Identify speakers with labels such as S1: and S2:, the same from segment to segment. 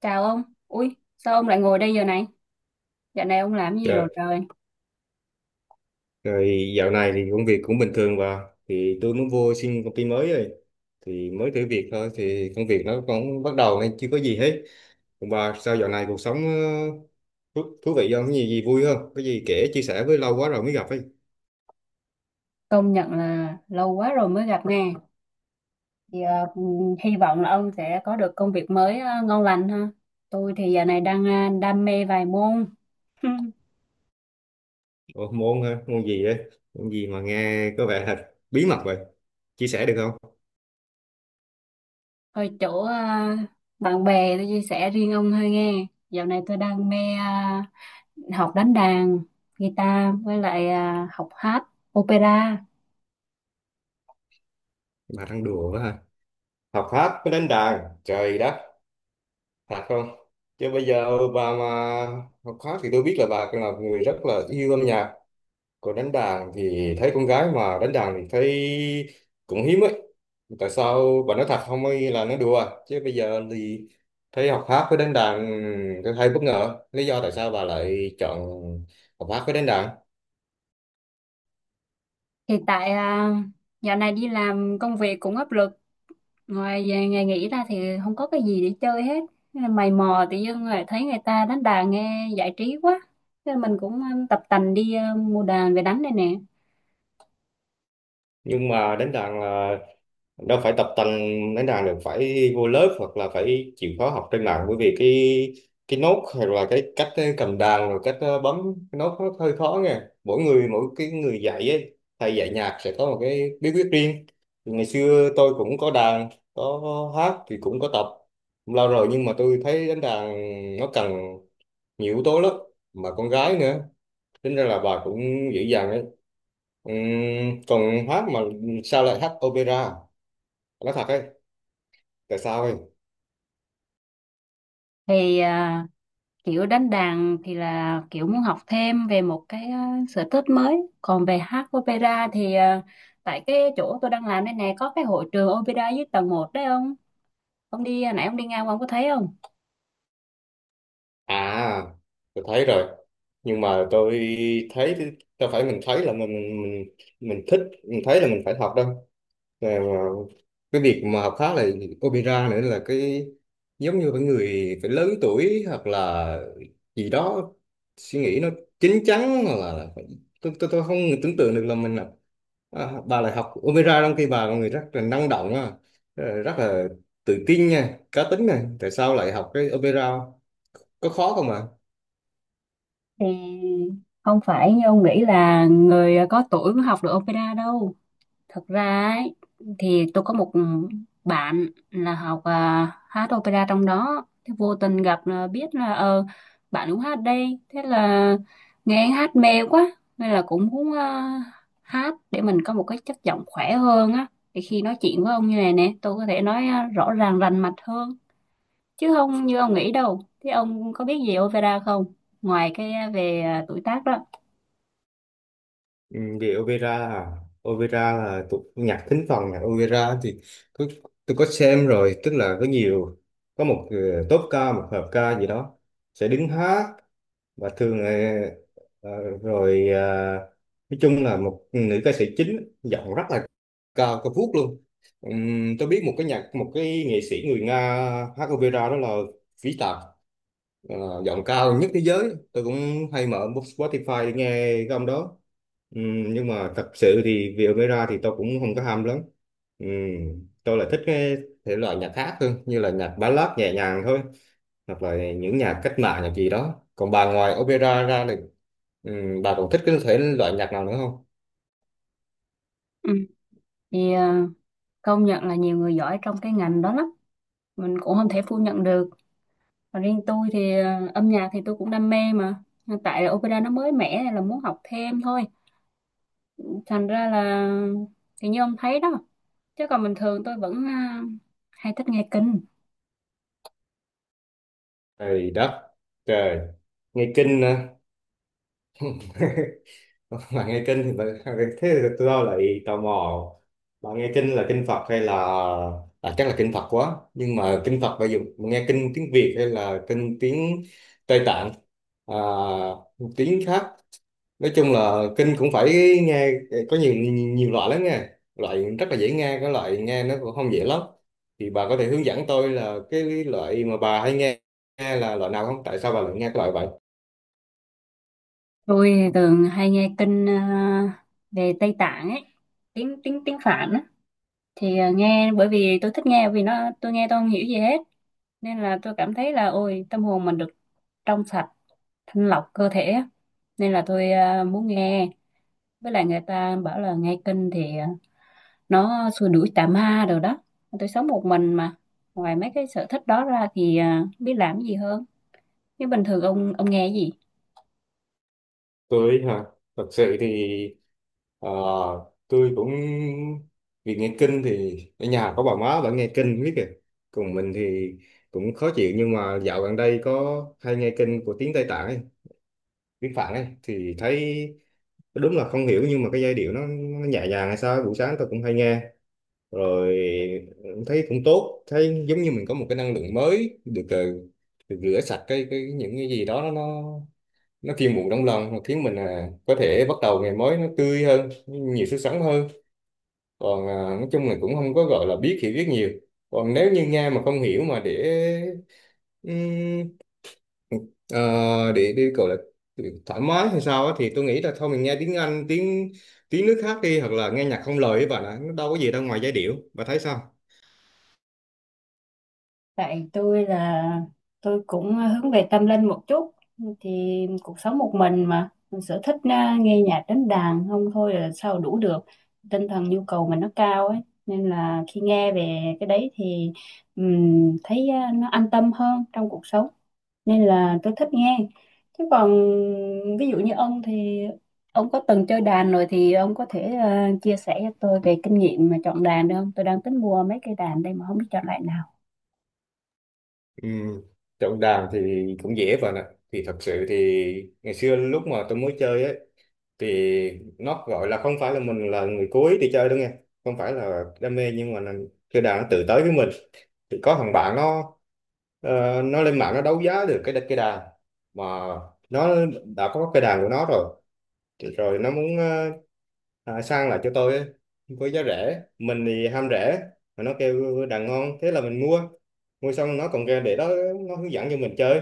S1: Chào ông. Ui, sao ông lại ngồi đây giờ này? Dạo này ông làm gì rồi
S2: Rồi,
S1: trời?
S2: rồi, dạo này thì công việc cũng bình thường và thì tôi mới vô xin công ty mới rồi thì mới thử việc thôi thì công việc nó cũng bắt đầu nên chưa có gì hết. Còn bà sao dạo này cuộc sống thú vị, không có gì gì vui, không có gì kể chia sẻ với, lâu quá rồi mới gặp ấy.
S1: Công nhận là lâu quá rồi mới gặp nè. Thì ờ, Hy vọng là ông sẽ có được công việc mới ngon lành ha. Tôi thì giờ này đang đam mê vài môn.
S2: Ủa, môn hả? Môn gì ấy, môn gì mà nghe có vẻ thật bí mật vậy, chia sẻ được không?
S1: Hơi chỗ ờ, Bạn bè tôi chia sẻ riêng ông hơi nghe. Dạo này tôi đang mê học đánh đàn, guitar với lại học hát, opera.
S2: Bà đang đùa quá hả, học hát mới đánh đàn trời đất, thật không? Chứ bây giờ bà mà học hát thì tôi biết là bà là một người rất là yêu âm nhạc. Còn đánh đàn thì thấy con gái mà đánh đàn thì thấy cũng hiếm ấy. Tại sao bà nói thật không ấy là nói đùa. Chứ bây giờ thì thấy học hát với đánh đàn tôi hay bất ngờ. Lý do tại sao bà lại chọn học hát với đánh đàn?
S1: Thì tại ờ, Dạo này đi làm công việc cũng áp lực, ngoài về ngày nghỉ ra thì không có cái gì để chơi hết. Thế là mày mò tự dưng rồi thấy người ta đánh đàn nghe giải trí quá. Thế là mình cũng tập tành đi, mua đàn về đánh đây nè.
S2: Nhưng mà đánh đàn là đâu phải tập tành, đánh đàn được phải vô lớp hoặc là phải chịu khó học trên mạng, bởi vì cái nốt hay là cái cách cầm đàn, rồi cách bấm cái nốt nó hơi khó nha, mỗi người mỗi cái, người dạy ấy, thầy dạy nhạc sẽ có một cái bí quyết riêng. Thì ngày xưa tôi cũng có đàn, có hát thì cũng có tập lâu rồi, nhưng mà tôi thấy đánh đàn nó cần nhiều yếu tố lắm, mà con gái nữa, tính ra là bà cũng dữ dằn đấy. Còn hát mà sao lại hát opera, nói thật ấy, tại sao em?
S1: thì à, Kiểu đánh đàn thì là kiểu muốn học thêm về một cái sở thích mới, còn về hát opera thì ờ, tại cái chỗ tôi đang làm đây nè có cái hội trường opera dưới tầng một đấy ông. Ông đi nãy, ông đi ngang qua ông có thấy không?
S2: À, tôi thấy rồi, nhưng mà tôi thấy thì- đâu phải mình thấy là mình thích, mình thấy là mình phải học đâu. Mà cái việc mà học khác là opera nữa là cái giống như phải người phải lớn tuổi hoặc là gì đó, suy nghĩ nó chín chắn hoặc là tôi không tưởng tượng được là mình là à, bà lại học opera trong khi bà là người rất là năng động á, rất là tự tin nha, cá tính này, tại sao lại học cái opera, có khó không ạ?
S1: Thì không phải như ông nghĩ là người có tuổi mới học được opera đâu. Thật ra ấy, thì tôi có một bạn là học hát opera trong đó, thế vô tình gặp là biết là ờ, bạn cũng hát đây. Thế là nghe anh hát mê quá nên là cũng muốn hát để mình có một cái chất giọng khỏe hơn á, để khi nói chuyện với ông như này nè tôi có thể nói rõ ràng rành mạch hơn, chứ không như ông nghĩ đâu. Thế ông có biết gì opera không, ngoài cái về tuổi tác đó?
S2: Ừ, vì opera à? Opera là tục nhạc thính phòng, nhạc opera thì có, tôi có xem rồi, tức là có nhiều, có một tốp ca, một hợp ca gì đó sẽ đứng hát, và thường ờ, rồi ờ, nói chung là một nữ ca sĩ chính giọng rất là cao cao vút luôn. Tôi biết một cái nhạc, một cái nghệ sĩ người Nga hát opera, đó là Vĩ Tạc, ờ, giọng cao nhất thế giới, tôi cũng hay mở Spotify để nghe cái ông đó. Nhưng mà thật sự thì về opera thì tôi cũng không có ham lắm. Tôi lại thích cái thể loại nhạc khác hơn, như là nhạc ballad nhẹ nhàng thôi, hoặc là những nhạc cách mạng, nhạc gì đó. Còn bà, ngoài opera ra thì bà còn thích cái thể loại nhạc nào nữa không?
S1: Ừ. thì à, Công nhận là nhiều người giỏi trong cái ngành đó lắm, mình cũng không thể phủ nhận được. Và riêng tôi thì ờ, âm nhạc thì tôi cũng đam mê, mà hiện tại là opera nó mới mẻ nên là muốn học thêm thôi. Thành ra là thì như ông thấy đó, chứ còn bình thường tôi vẫn hay thích nghe kinh.
S2: Trời đất, trời, nghe kinh à. Bà nghe kinh thì thế thì tôi đâu lại tò mò, bà nghe kinh là kinh Phật hay là à, chắc là kinh Phật quá. Nhưng mà kinh Phật bây giờ bà nghe kinh tiếng Việt hay là kinh tiếng Tây Tạng, à, tiếng khác? Nói chung là kinh cũng phải nghe, có nhiều nhiều loại lắm nha, loại rất là dễ nghe, cái loại nghe nó cũng không dễ lắm. Thì bà có thể hướng dẫn tôi là cái loại mà bà hay nghe là loại nào không, tại sao bà lại nghe cái loại vậy?
S1: Tôi thì thường hay nghe kinh về Tây Tạng ấy, tiếng tiếng tiếng Phạn á. Nghe bởi vì tôi thích nghe, vì nó tôi nghe tôi không hiểu gì hết, nên là tôi cảm thấy là ôi tâm hồn mình được trong sạch, thanh lọc cơ thể á. Nên là tôi muốn nghe. Với lại người ta bảo là nghe kinh thì ờ, nó xua đuổi tà ma rồi đó. Tôi sống một mình mà, ngoài mấy cái sở thích đó ra thì ờ, biết làm cái gì hơn. Nhưng bình thường ông nghe cái gì?
S2: Tôi hả? Thật sự thì ờ, tôi cũng vì nghe kinh thì ở nhà có bà má vẫn nghe kinh biết kìa, còn mình thì cũng khó chịu, nhưng mà dạo gần đây có hay nghe kinh của tiếng Tây Tạng ấy, biết Phạm ấy, thì thấy đúng là không hiểu, nhưng mà cái giai điệu nó nhẹ nhàng hay sao ấy, buổi sáng tôi cũng hay nghe rồi, thấy cũng tốt, thấy giống như mình có một cái năng lượng mới được được rửa sạch cái những cái gì đó, nó nó phiêu muộn trong lòng, nó khiến mình à, có thể bắt đầu ngày mới nó tươi hơn, nhiều sức sống hơn. Còn à, nói chung là cũng không có gọi là biết, hiểu biết nhiều. Còn nếu như nghe mà không hiểu mà để Ờ, để đi gọi là thoải mái hay sao á, thì tôi nghĩ là thôi mình nghe tiếng Anh, tiếng tiếng nước khác đi, hoặc là nghe nhạc không lời ấy bạn ạ, nó đâu có gì đâu ngoài giai điệu, bà thấy sao?
S1: Tại tôi là tôi cũng hướng về tâm linh một chút, thì cuộc sống một mình mà, mình sở thích nghe nhạc đánh đàn không thôi là sao đủ được. Tinh thần nhu cầu mình nó cao ấy, nên là khi nghe về cái đấy thì thấy nó an tâm hơn trong cuộc sống, nên là tôi thích nghe. Chứ còn ví dụ như ông thì ông có từng chơi đàn rồi, thì ông có thể chia sẻ cho tôi về kinh nghiệm mà chọn đàn được không? Tôi đang tính mua mấy cây đàn đây mà không biết chọn loại nào.
S2: Ừ. Chọn đàn thì cũng dễ bạn ạ, thì thật sự thì ngày xưa lúc mà tôi mới chơi ấy, thì nó gọi là không phải là mình là người cuối đi chơi đâu nghe, không phải là đam mê nhưng mà là chơi đàn nó tự tới với mình. Thì có thằng bạn nó nó lên mạng nó đấu giá được cái đàn mà nó đã có cái đàn của nó rồi. Thì rồi nó muốn à, sang lại cho tôi ấy, với giá rẻ, mình thì ham rẻ mà nó kêu đàn ngon, thế là mình mua. Mua xong nó còn ra để đó, nó hướng dẫn cho mình chơi,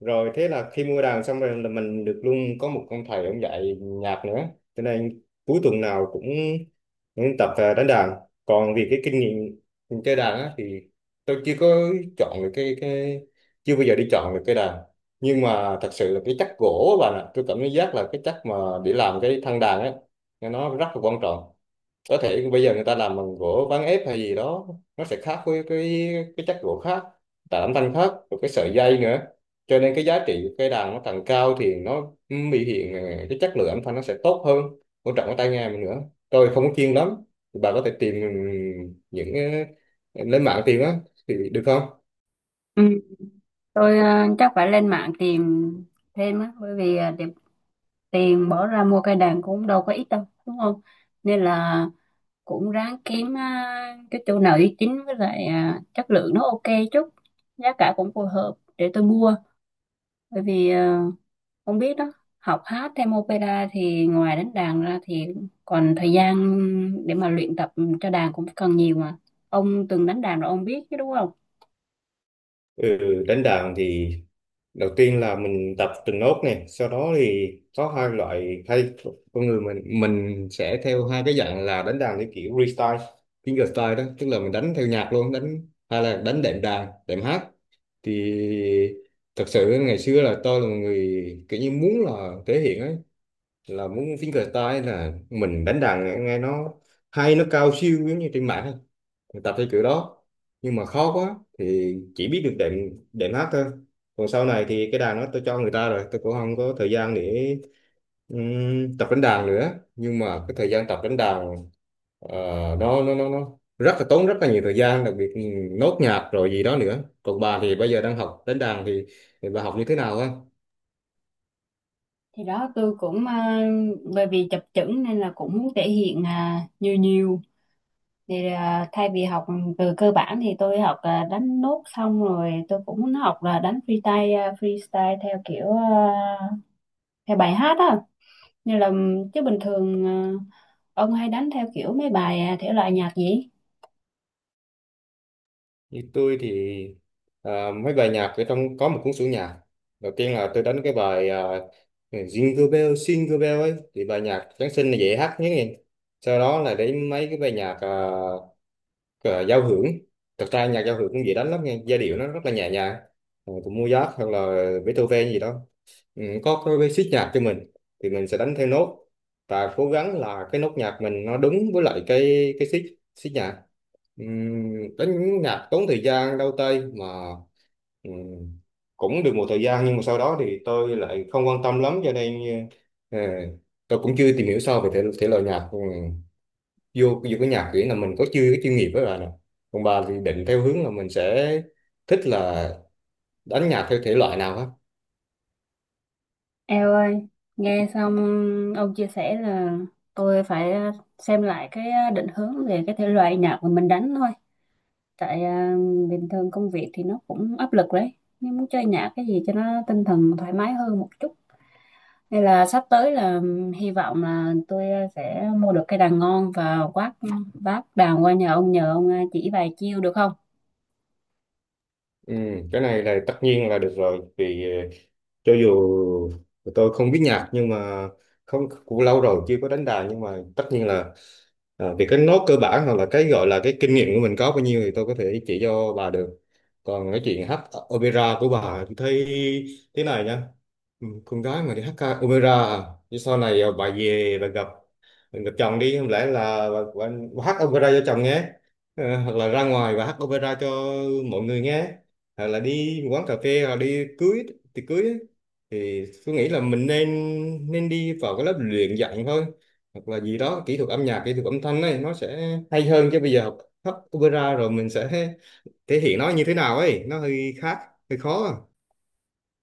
S2: rồi thế là khi mua đàn xong rồi là mình được luôn có một ông thầy, ông dạy nhạc nữa, cho nên cuối tuần nào cũng tập à, đánh đàn. Còn vì cái kinh nghiệm mình chơi đàn á, thì tôi chưa có chọn được cái chưa bao giờ đi chọn được cái đàn, nhưng mà thật sự là cái chất gỗ á bạn ạ, tôi cảm giác là cái chất mà để làm cái thân đàn ấy nó rất là quan trọng. Có thể bây giờ người ta làm bằng gỗ ván ép hay gì đó, nó sẽ khác với cái chất gỗ khác, tạo âm thanh khác, rồi cái sợi dây nữa. Cho nên cái giá trị của cây đàn nó càng cao thì nó biểu hiện cái chất lượng âm thanh nó sẽ tốt hơn, quan trọng cái tai nghe mình nữa. Tôi không có chuyên lắm, bà có thể tìm những lên mạng tìm á, thì được không?
S1: Tôi ờ, chắc phải lên mạng tìm thêm á, bởi vì ờ, tiền tiền bỏ ra mua cây đàn cũng đâu có ít đâu đúng không. Nên là cũng ráng kiếm cái chỗ nào uy tín, với lại ờ, chất lượng nó ok chút, giá cả cũng phù hợp để tôi mua. Bởi vì ờ, không biết đó, học hát thêm opera thì ngoài đánh đàn ra thì còn thời gian để mà luyện tập cho đàn cũng cần nhiều mà. Ông từng đánh đàn rồi ông biết chứ đúng không?
S2: Ừ, đánh đàn thì đầu tiên là mình tập từng nốt, này sau đó thì có hai loại, con người mình sẽ theo hai cái dạng là đánh đàn theo kiểu freestyle, fingerstyle đó, tức là mình đánh theo nhạc luôn, đánh hay là đánh đệm đàn, đệm hát. Thì thật sự ngày xưa là tôi là một người kiểu như muốn là thể hiện ấy, là muốn fingerstyle, là mình đánh đàn nghe nó hay, nó cao siêu giống như trên mạng ấy, mình tập theo kiểu đó. Nhưng mà khó quá thì chỉ biết được đệm đệm hát thôi. Còn sau này thì cái đàn đó tôi cho người ta rồi, tôi cũng không có thời gian để tập đánh đàn nữa. Nhưng mà cái thời gian tập đánh đàn ờ, nó rất là tốn, rất là nhiều thời gian, đặc biệt nốt nhạc rồi gì đó nữa. Còn bà thì bây giờ đang học đánh thì bà học như thế nào á?
S1: Thì đó tôi cũng à, Bởi vì chập chững nên là cũng muốn thể hiện nhiều nhiều, thay vì học từ cơ bản thì tôi học đánh nốt xong rồi tôi cũng muốn học là đánh freestyle, freestyle theo kiểu theo bài hát á, như là, chứ bình thường ông hay đánh theo kiểu mấy bài thể loại nhạc gì?
S2: Như tôi thì à, mấy bài nhạc ở trong có một cuốn sổ nhạc. Đầu tiên là tôi đánh cái bài à, Jingle Bell, Jingle Bell ấy, thì bài nhạc Giáng sinh là dễ hát nhất nè. Sau đó là đến mấy cái bài nhạc giao hưởng, thật ra nhạc giao hưởng cũng dễ đánh lắm nha, giai điệu nó rất là nhẹ nhàng. Ờ, của Mozart hoặc là Beethoven gì đó, ừ, có basic nhạc cho mình thì mình sẽ đánh theo nốt, và cố gắng là cái nốt nhạc mình nó đúng với lại cái xích, xích nhạc. Đánh nhạc tốn thời gian đau tay mà, ừm, cũng được một thời gian, nhưng mà sau đó thì tôi lại không quan tâm lắm, cho nên ờ, tôi cũng chưa tìm hiểu sâu về thể loại nhạc. Ừ, vô vô cái nhạc kiểu là mình có chưa cái chuyên nghiệp với bà nè. Còn bà thì định theo hướng là mình sẽ thích là đánh nhạc theo thể loại nào á?
S1: Eo ơi, nghe xong ông chia sẻ là tôi phải xem lại cái định hướng về cái thể loại nhạc mà mình đánh thôi. tại à, Bình thường công việc thì nó cũng áp lực đấy, nhưng muốn chơi nhạc cái gì cho nó tinh thần thoải mái hơn một chút, nên là sắp tới là hy vọng là tôi sẽ mua được cây đàn ngon, và quát vác đàn qua nhà ông nhờ ông chỉ vài chiêu được không?
S2: Ừ, cái này là tất nhiên là được rồi, vì cho dù tôi không biết nhạc, nhưng mà không, cũng lâu rồi chưa có đánh đàn, nhưng mà tất nhiên là à, vì cái nốt cơ bản hoặc là cái gọi là cái kinh nghiệm của mình có bao nhiêu thì tôi có thể chỉ cho bà được. Còn cái chuyện hát opera của bà thì thấy thế này nha. Ừ, con gái mà đi hát ca opera à? Chứ sau này à, bà về bà gặp, bà gặp chồng đi không lẽ là bà hát opera cho chồng nghe. Ờ, hoặc là ra ngoài bà hát opera cho mọi người nghe, hoặc là đi quán cà phê hoặc đi cưới thì cưới ấy. Thì tôi nghĩ là mình nên nên đi vào cái lớp luyện dạy thôi, hoặc là gì đó kỹ thuật âm nhạc, kỹ thuật âm thanh ấy, nó sẽ hay hơn. Chứ bây giờ học hát opera rồi mình sẽ thể hiện nó như thế nào ấy, nó hơi khác, hơi khó.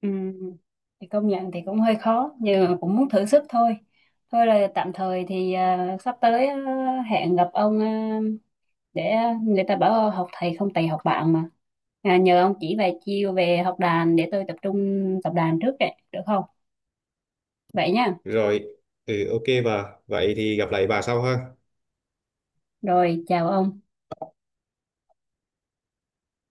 S1: Ừm, thì công nhận thì cũng hơi khó nhưng mà cũng muốn thử sức thôi. Thôi là tạm thời thì sắp tới hẹn gặp ông để, người ta bảo học thầy không thầy học bạn mà, nhờ ông chỉ vài chiêu về học đàn để tôi tập trung tập đàn trước ấy, được không? Vậy nha.
S2: Rồi, ừ, ok bà, vậy thì gặp lại bà sau ha.
S1: Rồi, chào ông.